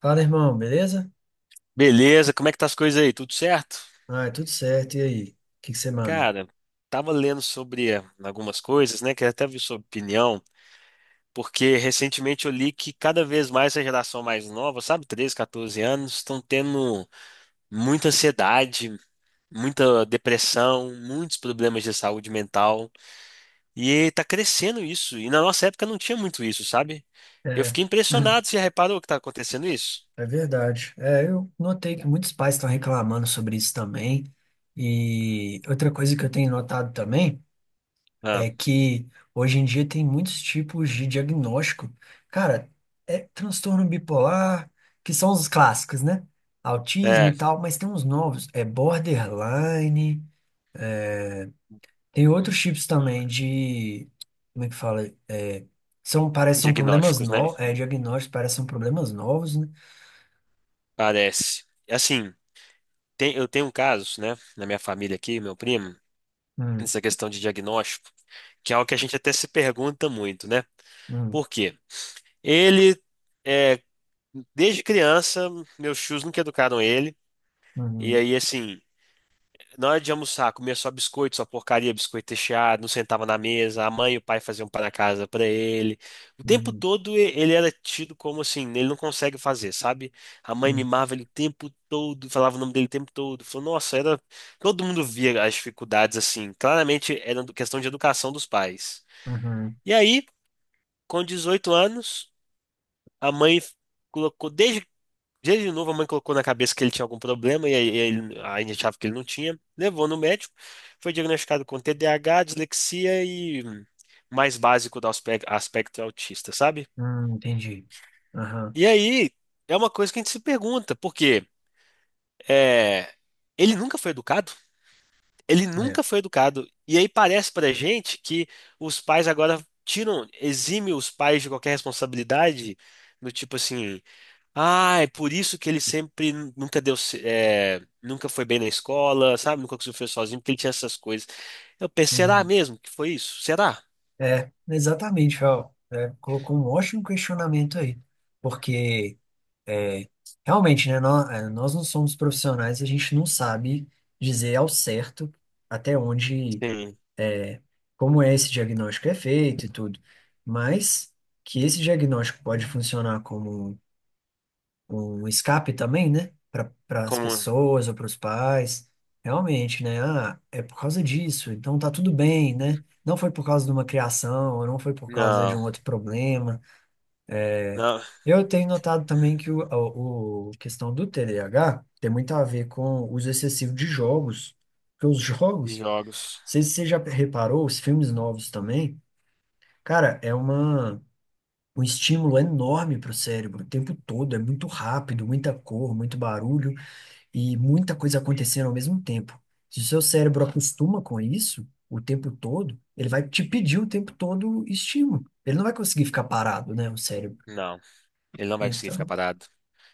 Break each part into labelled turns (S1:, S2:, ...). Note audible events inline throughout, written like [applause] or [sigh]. S1: Fala, irmão, beleza?
S2: Beleza, como é que tá as coisas aí? Tudo certo?
S1: Ah, é tudo certo. E aí? O que que você manda?
S2: Cara, tava lendo sobre algumas coisas, né? Queria até ver sua opinião, porque recentemente eu li que cada vez mais a geração mais nova, sabe, 13, 14 anos, estão tendo muita ansiedade, muita depressão, muitos problemas de saúde mental, e tá crescendo isso. E na nossa época não tinha muito isso, sabe? Eu
S1: É,
S2: fiquei impressionado, você já reparou que tá acontecendo isso?
S1: é verdade. Eu notei que muitos pais estão reclamando sobre isso também. E outra coisa que eu tenho notado também
S2: Ah,
S1: é que hoje em dia tem muitos tipos de diagnóstico. Cara, é transtorno bipolar, que são os clássicos, né? Autismo e
S2: é,
S1: tal, mas tem uns novos. É borderline. Tem outros chips também de. Como é que fala? É, são, parece, que são problemas
S2: diagnósticos, né?
S1: novos. Diagnósticos parecem são problemas novos, né?
S2: Parece. Assim. Eu tenho um caso, né, na minha família aqui, meu primo,
S1: Hum,
S2: nessa questão de diagnóstico, que é algo que a gente até se pergunta muito, né?
S1: hum,
S2: Por quê? Ele, é, desde criança, meus tios nunca educaram ele, e
S1: uhum,
S2: aí, assim, na hora de almoçar, comia só biscoito, só porcaria, biscoito recheado, não sentava na mesa, a mãe e o pai faziam um pão na casa pra ele. O tempo
S1: uhum,
S2: todo ele era tido como assim, ele não consegue fazer, sabe? A mãe
S1: sim.
S2: mimava ele o tempo todo, falava o nome dele o tempo todo. Falou, nossa, era. Todo mundo via as dificuldades assim. Claramente era questão de educação dos pais.
S1: Uhum,
S2: E aí, com 18 anos, a mãe colocou desde dia de novo, a mãe colocou na cabeça que ele tinha algum problema e aí ele, a gente achava que ele não tinha. Levou no médico, foi diagnosticado com TDAH, dislexia e mais básico do aspecto autista, sabe?
S1: entendi. Aham,
S2: E aí é uma coisa que a gente se pergunta, porque é, ele nunca foi educado, ele
S1: é.
S2: nunca foi educado. E aí parece pra gente que os pais agora tiram, exime os pais de qualquer responsabilidade, do tipo assim. Ah, é por isso que ele sempre nunca deu, nunca foi bem na escola, sabe? Nunca conseguiu fazer sozinho, porque ele tinha essas coisas. Eu pensei, será
S1: Uhum.
S2: mesmo que foi isso? Será?
S1: É, exatamente, Fel. Colocou um ótimo questionamento aí. Porque, é, realmente, né? Nós, nós não somos profissionais e a gente não sabe dizer ao certo até onde.
S2: Sim.
S1: é, Como é esse diagnóstico é feito e tudo, mas que esse diagnóstico pode funcionar como um escape também, né? Para as
S2: Como?
S1: pessoas ou para os pais, realmente, né? Ah, é por causa disso, então tá tudo bem, né? Não foi por causa de uma criação, ou não foi por causa de
S2: Não,
S1: um outro problema.
S2: não.
S1: Eu tenho notado também que o questão do TDAH tem muito a ver com o uso excessivo de jogos, porque os
S2: Em
S1: jogos, não
S2: jogos.
S1: sei se você já reparou, os filmes novos também. Cara, um estímulo enorme para o cérebro o tempo todo. É muito rápido, muita cor, muito barulho e muita coisa acontecendo ao mesmo tempo. Se o seu cérebro acostuma com isso o tempo todo, ele vai te pedir o tempo todo estímulo. Ele não vai conseguir ficar parado, né, o cérebro.
S2: Não. Ele não vai conseguir ficar
S1: Então,
S2: parado.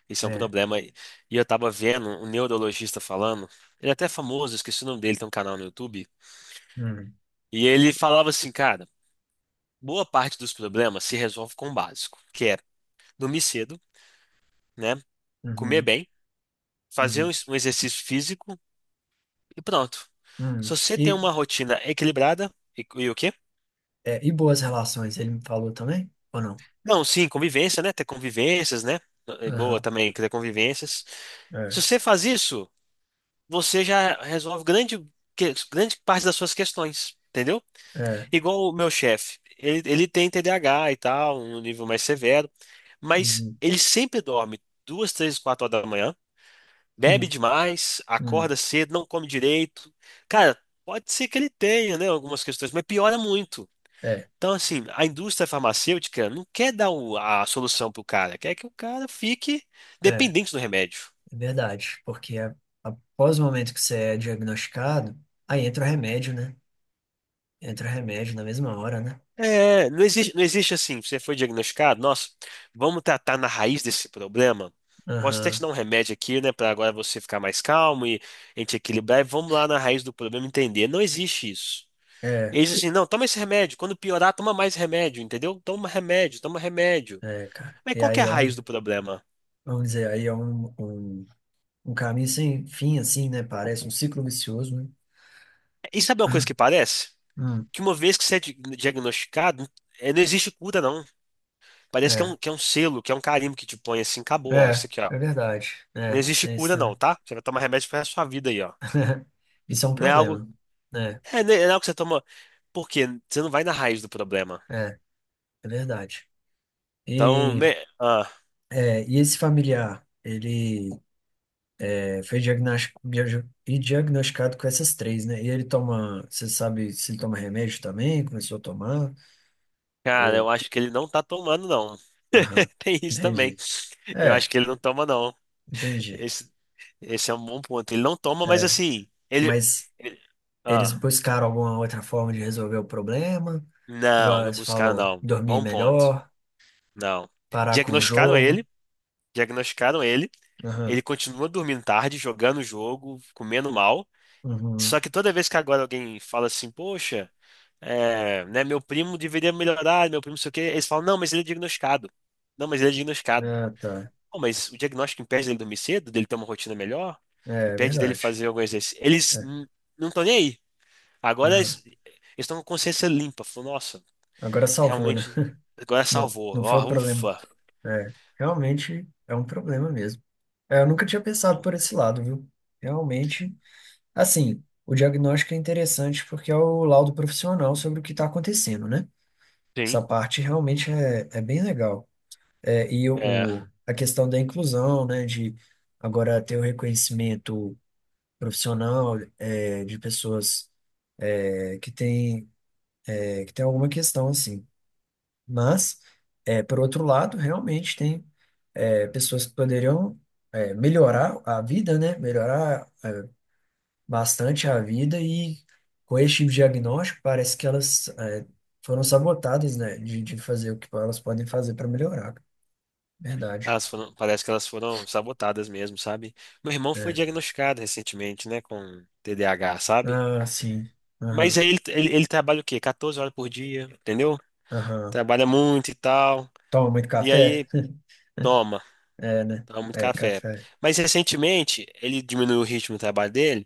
S2: Isso é um
S1: é.
S2: problema. E eu tava vendo um neurologista falando, ele é até famoso, esqueci o nome dele, tem um canal no YouTube.
S1: Hum,
S2: E ele falava assim, cara, boa parte dos problemas se resolve com o básico, que é dormir cedo, né? Comer
S1: uhum,
S2: bem fazer um
S1: uhum,
S2: um exercício físico e pronto. Se
S1: hum.
S2: você tem
S1: E,
S2: uma rotina equilibrada, e o quê?
S1: é, e boas relações, ele me falou também? Ou não?
S2: Não, sim, convivência, né? Ter convivências, né? É boa
S1: Aham,
S2: também ter convivências. Se
S1: é,
S2: você faz isso, você já resolve grande, grande parte das suas questões, entendeu?
S1: é.
S2: Igual o meu chefe. Ele tem TDAH e tal, um nível mais severo, mas
S1: Uhum,
S2: ele sempre dorme 2, 3, 4 horas da manhã. Bebe
S1: hum,
S2: demais,
S1: hum,
S2: acorda cedo, não come direito. Cara, pode ser que ele tenha, né, algumas questões, mas piora muito.
S1: é,
S2: Então, assim, a indústria farmacêutica não quer dar a solução pro cara, quer que o cara fique
S1: é.
S2: dependente do remédio.
S1: É verdade, porque após o momento que você é diagnosticado, aí entra o remédio, né? Entra o remédio na mesma hora, né?
S2: É, não existe, não existe assim, você foi diagnosticado, nossa, vamos tratar na raiz desse problema. Posso até te
S1: Aham.
S2: dar um remédio aqui, né, para agora você ficar mais calmo e a gente equilibrar e vamos lá na raiz do problema entender. Não existe isso.
S1: É,
S2: Eles assim, não, toma esse remédio. Quando piorar, toma mais remédio, entendeu? Toma remédio, toma remédio.
S1: é, cara.
S2: Mas qual que é a raiz do problema?
S1: Vamos dizer, aí é um caminho sem fim, assim, né? Parece um ciclo vicioso, né?
S2: E sabe uma coisa que parece?
S1: Hum,
S2: Que uma vez que você é diagnosticado, não existe cura, não. Parece
S1: é,
S2: que é um selo, que é um carimbo que te põe assim, acabou, ó, isso
S1: é,
S2: aqui, ó.
S1: é verdade.
S2: Não
S1: É,
S2: existe
S1: tem isso
S2: cura,
S1: também.
S2: não, tá? Você vai tomar remédio pro resto da sua vida aí, ó.
S1: [laughs] Isso é um
S2: Não é algo.
S1: problema, né?
S2: É, não é algo que você toma. Por quê? Você não vai na raiz do problema.
S1: É, é verdade.
S2: Então,
S1: E, é, e esse familiar, ele. É, foi diagnosticado com essas três, né? E ele toma, você sabe se ele toma remédio também? Começou a tomar?
S2: cara,
S1: Ou,
S2: eu acho que ele não tá tomando, não.
S1: aham,
S2: [laughs] Tem isso também.
S1: entendi.
S2: Eu
S1: É,
S2: acho que ele não toma, não.
S1: entendi.
S2: Esse, esse é um bom ponto. Ele não toma, mas
S1: É,
S2: assim,
S1: mas
S2: ele-
S1: eles
S2: ah,
S1: buscaram alguma outra forma de resolver o problema?
S2: não,
S1: Igual
S2: não
S1: você
S2: buscaram
S1: falou,
S2: não.
S1: dormir
S2: Bom ponto.
S1: melhor,
S2: Não.
S1: parar com o
S2: Diagnosticaram
S1: jogo.
S2: ele, diagnosticaram ele.
S1: Aham,
S2: Ele continua dormindo tarde, jogando o jogo, comendo mal. Só
S1: uhum.
S2: que toda vez que agora alguém fala assim, poxa, é, né, meu primo deveria melhorar, meu primo não sei o quê, eles falam, não, mas ele é diagnosticado. Não, mas ele é diagnosticado.
S1: Ah, tá.
S2: Pô, mas o diagnóstico impede dele dormir cedo, dele ter uma rotina melhor,
S1: É, é
S2: impede dele
S1: verdade.
S2: fazer algum exercício. Eles
S1: É,
S2: não estão nem aí. Agora
S1: aham.
S2: eles estão com consciência limpa. Falou, nossa,
S1: Agora salvou, né?
S2: realmente, agora
S1: Não,
S2: salvou.
S1: não foi o
S2: Ó,
S1: problema.
S2: ufa.
S1: É, realmente é um problema mesmo. É, eu nunca tinha pensado por esse lado, viu? Realmente, assim, o diagnóstico é interessante porque é o laudo profissional sobre o que está acontecendo, né?
S2: Sim.
S1: Essa parte realmente é, é bem legal. É, e
S2: É,
S1: a questão da inclusão, né? De agora ter o reconhecimento profissional de pessoas que têm, que tem alguma questão assim. Mas, por outro lado, realmente tem pessoas que poderiam melhorar a vida, né? Melhorar bastante a vida e com esse tipo de diagnóstico parece que elas foram sabotadas, né, de fazer o que elas podem fazer para melhorar. Verdade.
S2: elas foram, parece que elas foram sabotadas mesmo, sabe? Meu irmão foi
S1: É.
S2: diagnosticado recentemente, né, com TDAH, sabe?
S1: Ah, sim.
S2: Mas
S1: Aham,
S2: aí ele trabalha o quê? 14 horas por dia, entendeu?
S1: aham.
S2: Trabalha muito e tal.
S1: Toma muito
S2: E
S1: café?
S2: aí,
S1: [laughs]
S2: toma,
S1: É, né?
S2: toma muito
S1: É,
S2: café.
S1: café.
S2: Mas recentemente, ele diminuiu o ritmo do trabalho dele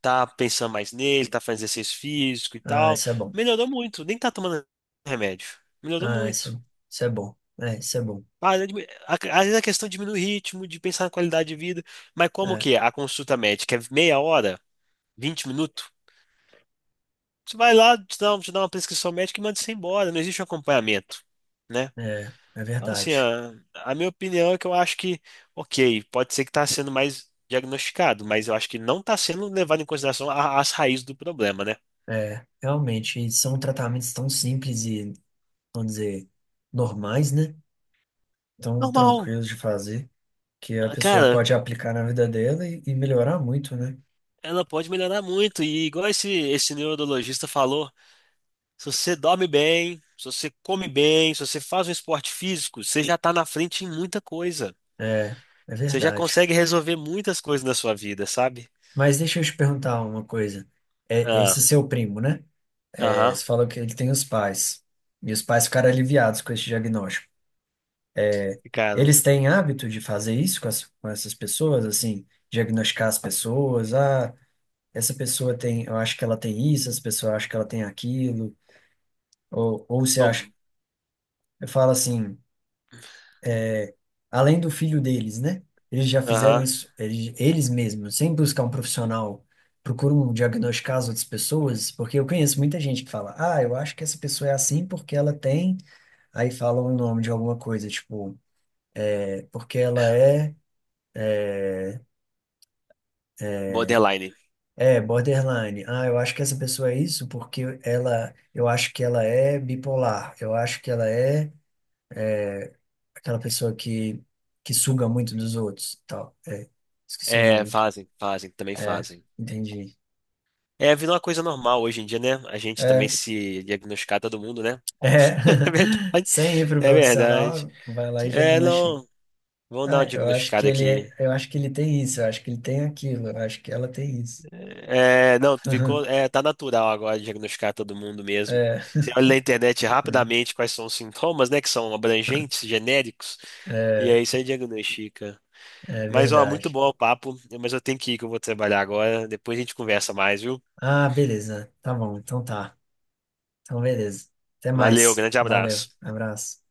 S2: tá pensando mais nele, tá fazendo exercício físico e
S1: Ah,
S2: tal.
S1: isso é bom.
S2: Melhorou muito, nem tá tomando remédio. Melhorou
S1: Ah,
S2: muito.
S1: isso é bom. É, isso é bom.
S2: Ah, às vezes a questão diminui o ritmo, de pensar na qualidade de vida, mas como
S1: É,
S2: que é? A consulta médica é meia hora, 20 minutos, você vai lá, te dá uma prescrição médica e manda você embora, não existe um acompanhamento, né?
S1: é, é
S2: Então, assim,
S1: verdade.
S2: a minha opinião é que eu acho que, ok, pode ser que está sendo mais diagnosticado, mas eu acho que não está sendo levado em consideração as raízes do problema, né?
S1: É, realmente, e são tratamentos tão simples e, vamos dizer, normais, né? Tão
S2: Normal,
S1: tranquilos de fazer. Que a pessoa
S2: cara,
S1: pode aplicar na vida dela e melhorar muito, né?
S2: ela pode melhorar muito. E igual esse neurologista falou, se você dorme bem, se você come bem, se você faz um esporte físico, você já tá na frente em muita coisa.
S1: É, é
S2: Você já
S1: verdade.
S2: consegue resolver muitas coisas na sua vida, sabe?
S1: Mas deixa eu te perguntar uma coisa. É
S2: Ah,
S1: esse seu primo, né? É,
S2: aham,
S1: você falou que ele tem os pais. E os pais ficaram aliviados com esse diagnóstico.
S2: ficaram.
S1: Eles têm hábito de fazer isso com, com essas pessoas, assim, diagnosticar as pessoas. Ah, essa pessoa tem, eu acho que ela tem isso, essa pessoa acha que ela tem aquilo. Ou você acha,
S2: Como-
S1: eu falo assim. Além do filho deles, né? Eles já fizeram
S2: Aham,
S1: isso, eles mesmos, sem buscar um profissional, procuram diagnosticar as outras pessoas, porque eu conheço muita gente que fala, ah, eu acho que essa pessoa é assim porque ela tem, aí fala o nome de alguma coisa, tipo, é porque ela é,
S2: borderline.
S1: é, borderline, ah, eu acho que essa pessoa é isso porque ela, eu acho que ela é bipolar, eu acho que ela é aquela pessoa que suga muito dos outros, tal, é, esqueci o
S2: É,
S1: nome,
S2: fazem, fazem, também
S1: é,
S2: fazem.
S1: entendi.
S2: É, virou uma coisa normal hoje em dia, né? A gente também
S1: É.
S2: se diagnosticar todo mundo, né?
S1: É,
S2: [laughs] É
S1: [laughs]
S2: verdade.
S1: sem ir para o
S2: É verdade.
S1: profissional, vai lá e
S2: É,
S1: diagnostica.
S2: não. Vamos dar
S1: Ah,
S2: uma
S1: eu acho que
S2: diagnosticada
S1: ele,
S2: aqui.
S1: eu acho que ele tem isso, eu acho que ele tem aquilo, eu acho que ela tem isso.
S2: É, não, tu ficou,
S1: [laughs]
S2: é, tá natural agora diagnosticar todo mundo mesmo.
S1: É,
S2: Você olha na internet rapidamente quais são os sintomas, né, que são abrangentes, genéricos, e
S1: é,
S2: aí você diagnostica.
S1: é
S2: Mas, ó, muito
S1: verdade.
S2: bom o papo, mas eu tenho que ir que eu vou trabalhar agora. Depois a gente conversa mais, viu?
S1: Ah, beleza. Tá bom, então tá. Então, beleza. Até
S2: Valeu,
S1: mais.
S2: grande
S1: Valeu.
S2: abraço.
S1: Abraço.